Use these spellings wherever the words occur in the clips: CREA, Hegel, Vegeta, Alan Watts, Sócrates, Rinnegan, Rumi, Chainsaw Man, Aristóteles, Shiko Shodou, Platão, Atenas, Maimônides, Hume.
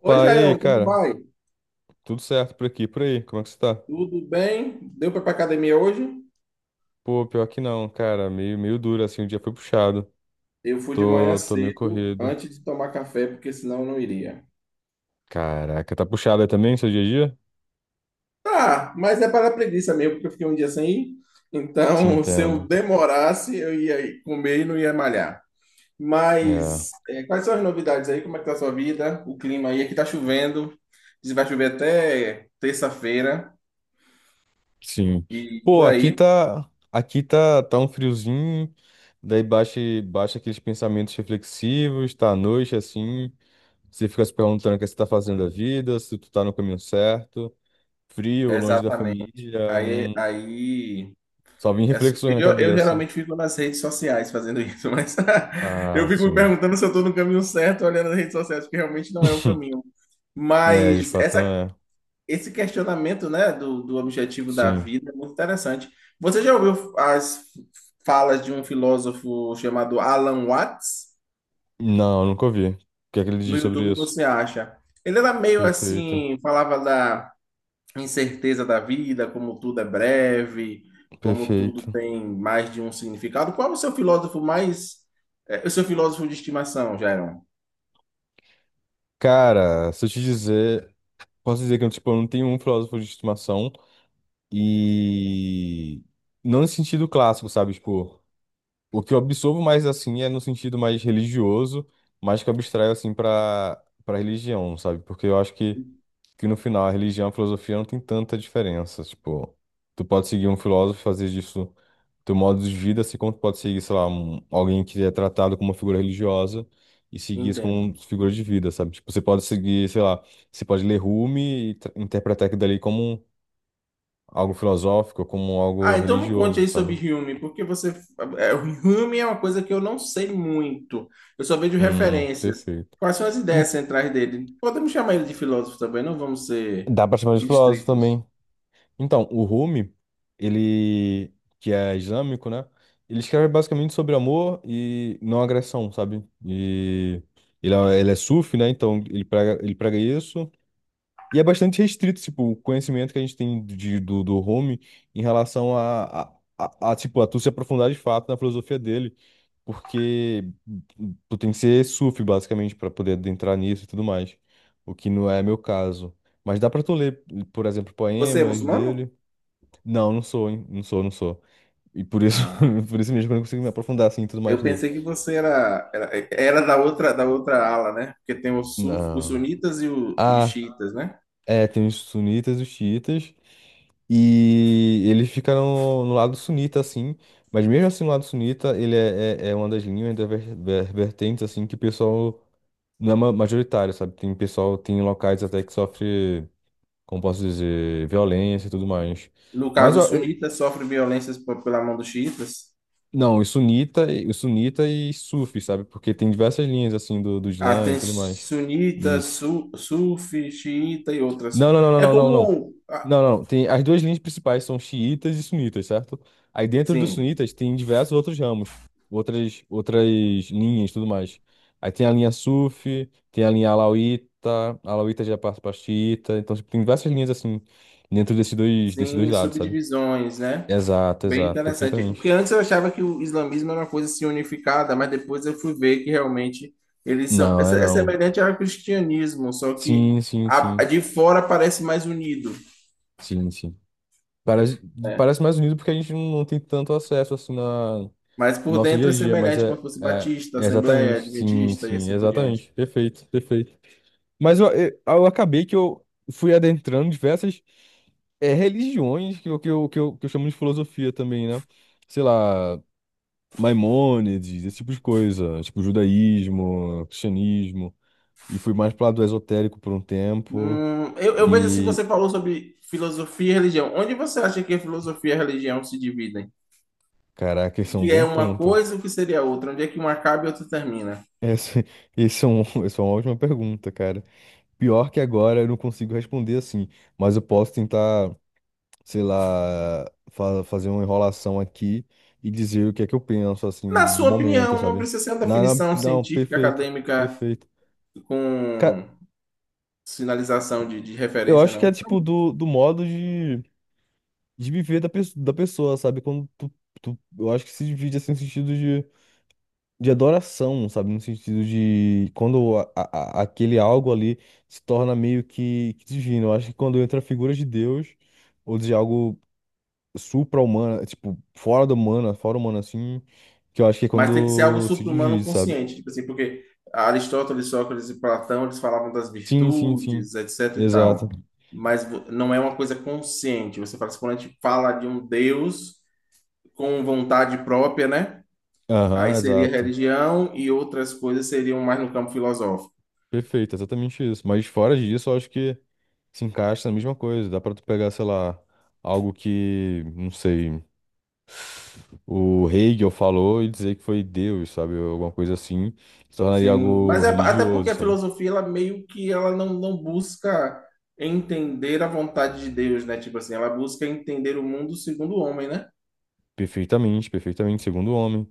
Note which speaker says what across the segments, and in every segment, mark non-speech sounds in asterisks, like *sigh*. Speaker 1: Oi,
Speaker 2: e aí,
Speaker 1: Jairon, como
Speaker 2: cara?
Speaker 1: vai?
Speaker 2: Tudo certo por aqui, por aí? Como é que você tá?
Speaker 1: Tudo bem? Deu para ir para academia hoje?
Speaker 2: Pô, pior que não, cara. Meio duro, assim, o dia foi puxado.
Speaker 1: Eu fui de manhã
Speaker 2: Tô meio
Speaker 1: cedo,
Speaker 2: corrido.
Speaker 1: antes de tomar café, porque senão eu não iria.
Speaker 2: Caraca, tá puxado aí também, seu dia a dia?
Speaker 1: Tá, mas é para preguiça mesmo, porque eu fiquei um dia sem ir.
Speaker 2: Te
Speaker 1: Então, *laughs* se eu
Speaker 2: entendo.
Speaker 1: demorasse, eu ia comer e não ia malhar.
Speaker 2: É,
Speaker 1: Quais são as novidades aí? Como é que tá a sua vida? O clima aí? Aqui tá chovendo. Diz que vai chover até terça-feira
Speaker 2: sim.
Speaker 1: e
Speaker 2: Pô,
Speaker 1: por aí.
Speaker 2: tá um friozinho, daí baixa, baixa aqueles pensamentos reflexivos, tá à noite, assim, você fica se perguntando o que você tá fazendo da vida, se tu tá no caminho certo, frio, longe da
Speaker 1: Exatamente.
Speaker 2: família,
Speaker 1: Aí,
Speaker 2: não,
Speaker 1: aí
Speaker 2: só vem reflexões na
Speaker 1: Eu
Speaker 2: cabeça.
Speaker 1: geralmente fico nas redes sociais fazendo isso, mas *laughs*
Speaker 2: Ah,
Speaker 1: eu fico me
Speaker 2: sim.
Speaker 1: perguntando se eu estou no caminho certo olhando as redes sociais, porque realmente não é o
Speaker 2: *laughs*
Speaker 1: caminho.
Speaker 2: É, de
Speaker 1: Mas
Speaker 2: fato não
Speaker 1: essa,
Speaker 2: é.
Speaker 1: Esse questionamento, né, do objetivo da
Speaker 2: Sim.
Speaker 1: vida é muito interessante. Você já ouviu as falas de um filósofo chamado Alan Watts?
Speaker 2: Não, nunca ouvi. O que é que ele
Speaker 1: No
Speaker 2: diz sobre
Speaker 1: YouTube
Speaker 2: isso?
Speaker 1: você acha. Ele era meio
Speaker 2: Perfeito.
Speaker 1: assim, falava da incerteza da vida, como tudo é breve, como tudo
Speaker 2: Perfeito.
Speaker 1: tem mais de um significado. Qual é o seu filósofo mais, é, o seu filósofo de estimação, Jairo?
Speaker 2: Cara, se eu te dizer, posso dizer que tipo, eu não tenho um filósofo de estimação e não no sentido clássico, sabe? Tipo, o que eu absorvo mais assim é no sentido mais religioso, mas que eu abstraio assim pra para religião, sabe? Porque eu acho que no final a religião e a filosofia não tem tanta diferença. Tipo, tu pode seguir um filósofo e fazer disso teu modo de vida, assim como tu pode seguir, sei lá, alguém que é tratado como uma figura religiosa e seguir isso
Speaker 1: Entendo.
Speaker 2: como figura de vida, sabe? Tipo, você pode seguir, sei lá, você pode ler Rumi e interpretar aquilo dali como algo filosófico, como algo
Speaker 1: Ah, então me conte
Speaker 2: religioso,
Speaker 1: aí sobre
Speaker 2: sabe?
Speaker 1: Hume, o Hume é uma coisa que eu não sei muito. Eu só vejo referências.
Speaker 2: Perfeito.
Speaker 1: Quais são as
Speaker 2: Hum,
Speaker 1: ideias centrais dele? Podemos chamar ele de filósofo também, não vamos ser
Speaker 2: Dá pra chamar de filósofo
Speaker 1: estritos.
Speaker 2: também. Então, o Rumi, ele, que é islâmico, né? Ele escreve basicamente sobre amor e não agressão, sabe? E ele é sufi, né? Então, ele prega isso. E é bastante restrito, tipo, o conhecimento que a gente tem de, do Rumi em relação a, tipo, a tu se aprofundar de fato na filosofia dele. Porque tu tem que ser sufi, basicamente, para poder adentrar nisso e tudo mais. O que não é meu caso. Mas dá pra tu ler, por exemplo,
Speaker 1: Você é
Speaker 2: poemas
Speaker 1: muçulmano?
Speaker 2: dele. Não, não sou, hein? Não sou, não sou. E por isso,
Speaker 1: Ah.
Speaker 2: *laughs* por isso mesmo que eu não consigo me aprofundar assim e tudo mais
Speaker 1: Eu
Speaker 2: nele.
Speaker 1: pensei que você era da outra ala, né? Porque tem os
Speaker 2: Não.
Speaker 1: sunitas e, e os
Speaker 2: Ah,
Speaker 1: xiitas, né?
Speaker 2: é, tem os sunitas e os xiitas. E ele fica no, lado sunita, assim. Mas mesmo assim, no lado sunita, ele é uma das linhas, das vertentes, assim, que o pessoal não é majoritário, sabe? Tem pessoal, tem locais até que sofre, como posso dizer, violência e tudo mais.
Speaker 1: No
Speaker 2: Mas
Speaker 1: caso, os
Speaker 2: eu,
Speaker 1: sunitas sofrem violências pela mão dos xiitas.
Speaker 2: Não, sunita e sufi, sabe? Porque tem diversas linhas assim do
Speaker 1: Ah,
Speaker 2: Islã e
Speaker 1: tem
Speaker 2: tudo mais.
Speaker 1: sunita,
Speaker 2: Isso.
Speaker 1: sufi, xiita e outras.
Speaker 2: Não, não, não, não, não, não, não. Não, não, não. Tem as duas linhas principais são xiitas e sunitas, certo? Aí dentro dos
Speaker 1: Sim.
Speaker 2: sunitas tem diversos outros ramos, outras linhas, e tudo mais. Aí tem a linha sufi, tem a linha alauíta, a alauíta já passa para xiita, então tipo, tem diversas linhas assim dentro desses dois
Speaker 1: Sim,
Speaker 2: lados, sabe?
Speaker 1: subdivisões, né?
Speaker 2: Exato,
Speaker 1: Bem
Speaker 2: exato,
Speaker 1: interessante. Porque
Speaker 2: perfeitamente.
Speaker 1: antes eu achava que o islamismo era uma coisa assim unificada, mas depois eu fui ver que realmente eles são.
Speaker 2: Não, é
Speaker 1: É
Speaker 2: não.
Speaker 1: semelhante ao cristianismo, só que
Speaker 2: Sim, sim,
Speaker 1: a
Speaker 2: sim.
Speaker 1: de fora parece mais unido,
Speaker 2: Sim, sim. Parece,
Speaker 1: né?
Speaker 2: parece mais unido porque a gente não tem tanto acesso assim no
Speaker 1: Mas por
Speaker 2: nosso dia
Speaker 1: dentro é
Speaker 2: a dia, mas
Speaker 1: semelhante, como
Speaker 2: é,
Speaker 1: se fosse
Speaker 2: é,
Speaker 1: batista,
Speaker 2: é
Speaker 1: assembleia,
Speaker 2: exatamente, sim,
Speaker 1: adventista e
Speaker 2: sim,
Speaker 1: assim por diante.
Speaker 2: exatamente. Perfeito, perfeito. Mas eu acabei que eu fui adentrando diversas religiões que eu chamo de filosofia também, né? Sei lá, Maimônides, esse tipo de coisa, tipo judaísmo, cristianismo, e fui mais pro lado esotérico por um tempo,
Speaker 1: Eu vejo assim,
Speaker 2: e
Speaker 1: você falou sobre filosofia e religião. Onde você acha que a filosofia e a religião se dividem?
Speaker 2: caraca,
Speaker 1: O
Speaker 2: esse é um
Speaker 1: que é
Speaker 2: bom
Speaker 1: uma
Speaker 2: ponto.
Speaker 1: coisa e o que seria outra? Onde é que uma acaba e outra termina?
Speaker 2: Essa, *laughs* esse é um, *laughs* essa é uma ótima pergunta, cara. Pior que agora eu não consigo responder assim, mas eu posso tentar, sei lá, fazer uma enrolação aqui e dizer o que é que eu penso, assim,
Speaker 1: Na
Speaker 2: do
Speaker 1: sua
Speaker 2: momento,
Speaker 1: opinião, não
Speaker 2: sabe?
Speaker 1: precisa ser uma
Speaker 2: Não, não,
Speaker 1: definição
Speaker 2: não,
Speaker 1: científica,
Speaker 2: perfeito,
Speaker 1: acadêmica,
Speaker 2: perfeito. Cara,
Speaker 1: com sinalização de
Speaker 2: eu
Speaker 1: referência,
Speaker 2: acho que é
Speaker 1: não.
Speaker 2: tipo do, modo de viver da pessoa, sabe? Eu acho que se divide assim, no sentido de adoração, sabe? No sentido de quando aquele algo ali se torna meio que divino. Eu acho que quando entra a figura de Deus ou de algo supra-humano, tipo, fora do humano, fora humano assim, que eu acho que é
Speaker 1: Mas tem que ser algo
Speaker 2: quando se
Speaker 1: supra-humano
Speaker 2: divide, sabe?
Speaker 1: consciente, tipo assim, porque Aristóteles, Sócrates e Platão, eles falavam das
Speaker 2: Sim, sim, sim.
Speaker 1: virtudes, etc e
Speaker 2: Exato.
Speaker 1: tal. Mas não é uma coisa consciente. Você fala, assim, quando a gente fala de um Deus com vontade própria, né?
Speaker 2: Aham,
Speaker 1: Aí seria
Speaker 2: exato.
Speaker 1: religião e outras coisas seriam mais no campo filosófico.
Speaker 2: Perfeito, exatamente isso. Mas fora disso, eu acho que se encaixa na mesma coisa. Dá pra tu pegar, sei lá, algo que, não sei. O Hegel falou e dizer que foi Deus, sabe? Alguma coisa assim, se tornaria
Speaker 1: Sim,
Speaker 2: algo
Speaker 1: mas é até
Speaker 2: religioso,
Speaker 1: porque a
Speaker 2: sabe?
Speaker 1: filosofia ela meio que ela não busca entender a vontade de Deus, né? Tipo assim, ela busca entender o mundo segundo o homem, né?
Speaker 2: Perfeitamente, perfeitamente, segundo o homem.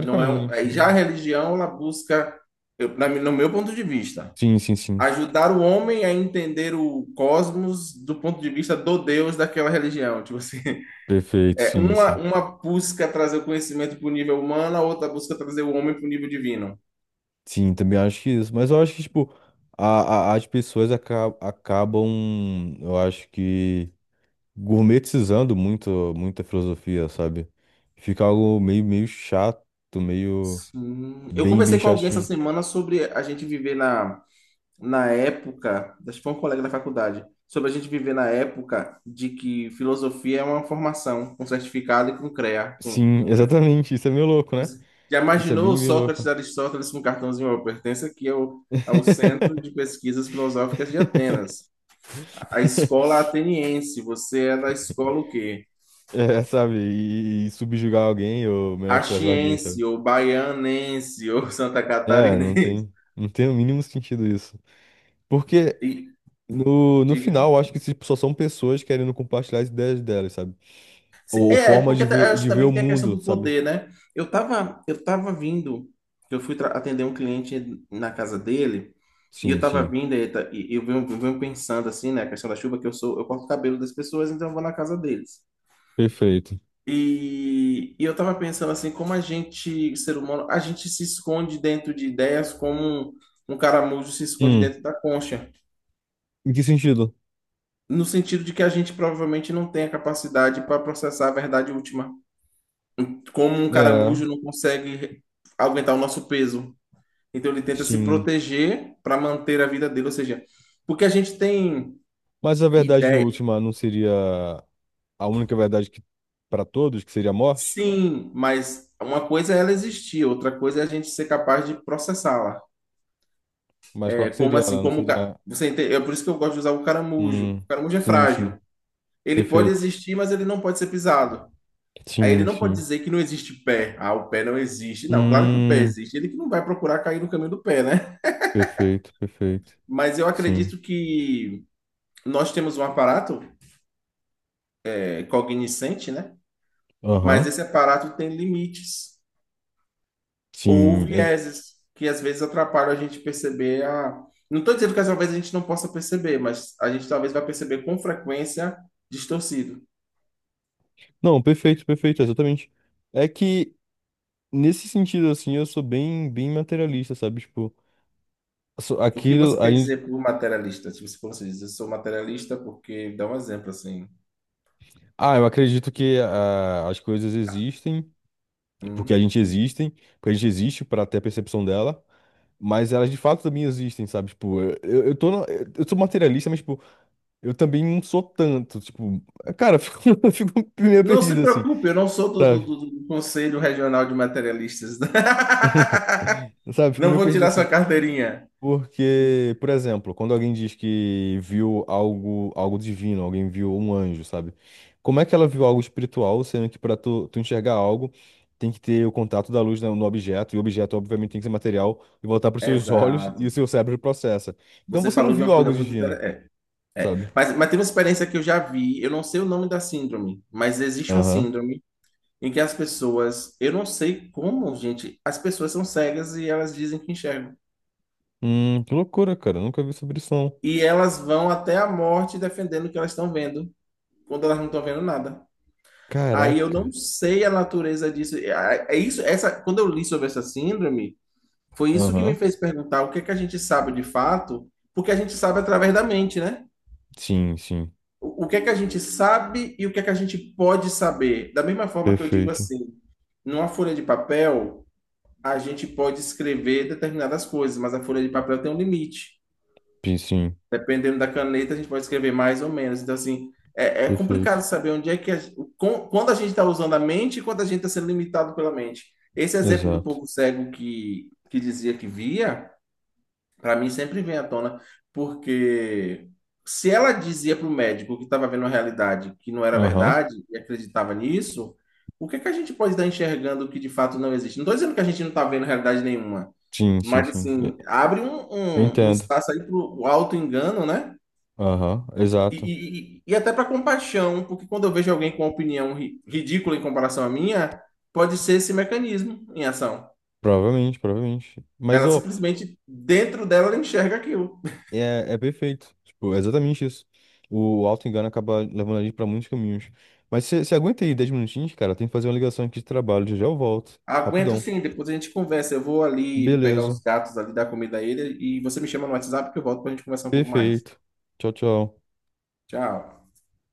Speaker 1: Não é um, aí já a
Speaker 2: né?
Speaker 1: religião ela busca, no meu ponto de vista,
Speaker 2: Sim, sim, sim.
Speaker 1: ajudar o homem a entender o cosmos do ponto de vista do Deus daquela religião. Tipo assim, *laughs*
Speaker 2: Perfeito,
Speaker 1: é
Speaker 2: sim,
Speaker 1: uma
Speaker 2: sim.
Speaker 1: uma busca trazer o conhecimento para o nível humano, a outra busca trazer o homem para o nível divino.
Speaker 2: Sim, também acho que isso. Mas eu acho que, tipo, as pessoas acabam, eu acho que, gourmetizando muita filosofia, sabe? Fica algo meio chato, meio
Speaker 1: Sim. Eu
Speaker 2: bem, bem
Speaker 1: conversei com alguém essa
Speaker 2: chatinho.
Speaker 1: semana sobre a gente viver na época, acho que foi um colega da faculdade, sobre a gente viver na época de que filosofia é uma formação, com certificado e com CREA.
Speaker 2: Sim, *laughs*
Speaker 1: Com...
Speaker 2: exatamente. Isso é meio louco, né?
Speaker 1: Já
Speaker 2: Isso é
Speaker 1: imaginou o
Speaker 2: bem, bem
Speaker 1: Sócrates
Speaker 2: louco.
Speaker 1: e Aristóteles com um cartãozinho: "Eu pertenço aqui ao, ao Centro de Pesquisas Filosóficas de
Speaker 2: *laughs*
Speaker 1: Atenas, a escola ateniense, você é da escola o quê?
Speaker 2: É, sabe? E subjugar alguém ou menosprezar alguém, sabe?
Speaker 1: Caxiense, ou baianense, *laughs* ou santa
Speaker 2: É, não
Speaker 1: catarinense."
Speaker 2: tem, não tem o mínimo sentido isso. Porque
Speaker 1: E,
Speaker 2: no,
Speaker 1: diga.
Speaker 2: final, eu acho que tipo, só são pessoas querendo compartilhar as ideias delas, sabe? Ou
Speaker 1: É, é
Speaker 2: formas
Speaker 1: porque
Speaker 2: de
Speaker 1: eu
Speaker 2: ver,
Speaker 1: acho
Speaker 2: de ver
Speaker 1: também
Speaker 2: o
Speaker 1: que tem a questão
Speaker 2: mundo,
Speaker 1: do
Speaker 2: sabe?
Speaker 1: poder, né? Eu fui atender um cliente na casa dele, e eu
Speaker 2: Sim,
Speaker 1: tava
Speaker 2: sim.
Speaker 1: vindo, eu venho pensando assim, né? A questão da chuva, que eu sou, eu corto o cabelo das pessoas, então eu vou na casa deles.
Speaker 2: Perfeito.
Speaker 1: E eu tava pensando assim, como a gente, ser humano, a gente se esconde dentro de ideias como um um caramujo se esconde
Speaker 2: Hum,
Speaker 1: dentro da concha,
Speaker 2: em que sentido?
Speaker 1: no sentido de que a gente provavelmente não tem a capacidade para processar a verdade última. Como um caramujo
Speaker 2: É,
Speaker 1: não consegue aguentar o nosso peso. Então ele tenta se
Speaker 2: sim.
Speaker 1: proteger para manter a vida dele, ou seja, porque a gente tem
Speaker 2: Mas a verdade
Speaker 1: ideia.
Speaker 2: última não seria a única verdade que para todos, que seria a morte?
Speaker 1: Sim, mas uma coisa é ela existir, outra coisa é a gente ser capaz de processá-la.
Speaker 2: Mas qual
Speaker 1: É
Speaker 2: que
Speaker 1: como
Speaker 2: seria
Speaker 1: assim,
Speaker 2: ela? Não
Speaker 1: como o
Speaker 2: seria.
Speaker 1: você entende? É por isso que eu gosto de usar o caramujo.
Speaker 2: Hum,
Speaker 1: O caramujo é
Speaker 2: sim, sim.
Speaker 1: frágil. Ele pode
Speaker 2: Perfeito.
Speaker 1: existir, mas ele não pode ser pisado. Aí ele
Speaker 2: Sim,
Speaker 1: não pode
Speaker 2: sim.
Speaker 1: dizer que não existe pé. Ah, o pé não existe. Não, claro que o pé
Speaker 2: Hum,
Speaker 1: existe. Ele que não vai procurar cair no caminho do pé, né?
Speaker 2: perfeito, perfeito.
Speaker 1: Mas eu
Speaker 2: Sim.
Speaker 1: acredito que nós temos um aparato cognoscente, né? Mas
Speaker 2: Aham.
Speaker 1: esse aparato tem limites ou
Speaker 2: Sim.
Speaker 1: vieses que às vezes atrapalham a gente perceber a. Não estou dizendo que às vezes a gente não possa perceber, mas a gente talvez vai perceber com frequência distorcido.
Speaker 2: Não, perfeito, perfeito, exatamente. É que, nesse sentido, assim, eu sou bem, bem materialista, sabe? Tipo,
Speaker 1: O que
Speaker 2: aquilo.
Speaker 1: você
Speaker 2: A
Speaker 1: quer
Speaker 2: gente...
Speaker 1: dizer por materialista? Tipo, se você diz, eu sou materialista porque... Dá um exemplo, assim.
Speaker 2: Ah, eu acredito que as coisas existem, porque a
Speaker 1: Hum.
Speaker 2: gente existem, porque a gente existe para ter a percepção dela. Mas elas de fato também existem, sabe? Tipo, eu tô, eu sou materialista, mas, tipo, eu também não sou tanto, tipo, cara, eu fico, *laughs* eu fico meio
Speaker 1: Não se
Speaker 2: perdido assim,
Speaker 1: preocupe, eu não sou
Speaker 2: sabe?
Speaker 1: do Conselho Regional de Materialistas. *laughs*
Speaker 2: Sabe, fico
Speaker 1: Não
Speaker 2: meio
Speaker 1: vou
Speaker 2: perdido
Speaker 1: tirar sua
Speaker 2: assim.
Speaker 1: carteirinha.
Speaker 2: Porque, por exemplo, quando alguém diz que viu algo, algo divino, alguém viu um anjo, sabe? Como é que ela viu algo espiritual, sendo que para tu enxergar algo, tem que ter o contato da luz no objeto, e o objeto, obviamente, tem que ser material e voltar para os seus *laughs* olhos e
Speaker 1: Exato.
Speaker 2: o seu cérebro processa. Então
Speaker 1: Você
Speaker 2: você não
Speaker 1: falou de
Speaker 2: viu
Speaker 1: uma coisa
Speaker 2: algo
Speaker 1: muito
Speaker 2: divino,
Speaker 1: interessante. É, é.
Speaker 2: sabe?
Speaker 1: Mas tem uma experiência que eu já vi, eu não sei o nome da síndrome, mas existe uma
Speaker 2: Aham.
Speaker 1: síndrome em que as pessoas, eu não sei como, gente, as pessoas são cegas e elas dizem que enxergam.
Speaker 2: Que loucura, cara. Nunca vi sobre isso, não.
Speaker 1: E elas vão até a morte defendendo o que elas estão vendo, quando elas não estão vendo nada. Aí eu não
Speaker 2: Caraca.
Speaker 1: sei a natureza disso. Quando eu li sobre essa síndrome, foi isso que me
Speaker 2: Aham.
Speaker 1: fez perguntar o que é que a gente sabe de fato, porque a gente sabe através da mente, né?
Speaker 2: Sim, sim.
Speaker 1: O que é que a gente sabe e o que é que a gente pode saber. Da mesma forma que eu digo
Speaker 2: Perfeito.
Speaker 1: assim, numa folha de papel, a gente pode escrever determinadas coisas, mas a folha de papel tem um limite.
Speaker 2: Sim,
Speaker 1: Dependendo da caneta, a gente pode escrever mais ou menos. Então, assim, é, é complicado
Speaker 2: perfeito.
Speaker 1: saber onde é que a, quando a gente está usando a mente e quando a gente está sendo limitado pela mente. Esse exemplo do
Speaker 2: Exato.
Speaker 1: povo cego que dizia que via para mim sempre vem à tona, porque se ela dizia para o médico que estava vendo a realidade que não era
Speaker 2: Aham.
Speaker 1: verdade e acreditava nisso, o que é que a gente pode estar enxergando que de fato não existe? Não estou dizendo que a gente não está vendo realidade nenhuma,
Speaker 2: Sim, sim,
Speaker 1: mas
Speaker 2: sim.
Speaker 1: assim, abre um,
Speaker 2: Eu
Speaker 1: um, um
Speaker 2: entendo.
Speaker 1: espaço aí para o auto-engano, né?
Speaker 2: Aham,
Speaker 1: E,
Speaker 2: exato.
Speaker 1: e, e- e até para compaixão, porque quando eu vejo alguém com uma opinião ridícula em comparação à minha, pode ser esse mecanismo em ação.
Speaker 2: Provavelmente, provavelmente. Mas,
Speaker 1: Ela
Speaker 2: ô,
Speaker 1: simplesmente, dentro dela, ela enxerga aquilo.
Speaker 2: é perfeito. Tipo, é exatamente isso. O auto-engano acaba levando a gente pra muitos caminhos. Mas você aguenta aí 10 minutinhos, cara? Tem que fazer uma ligação aqui de trabalho. Já já eu volto.
Speaker 1: Aguento
Speaker 2: Rapidão.
Speaker 1: sim, depois a gente conversa. Eu vou ali pegar
Speaker 2: Beleza.
Speaker 1: os gatos ali, dar comida a ele e você me chama no WhatsApp que eu volto pra gente conversar um pouco mais.
Speaker 2: Perfeito. Tchau, tchau.
Speaker 1: Tchau.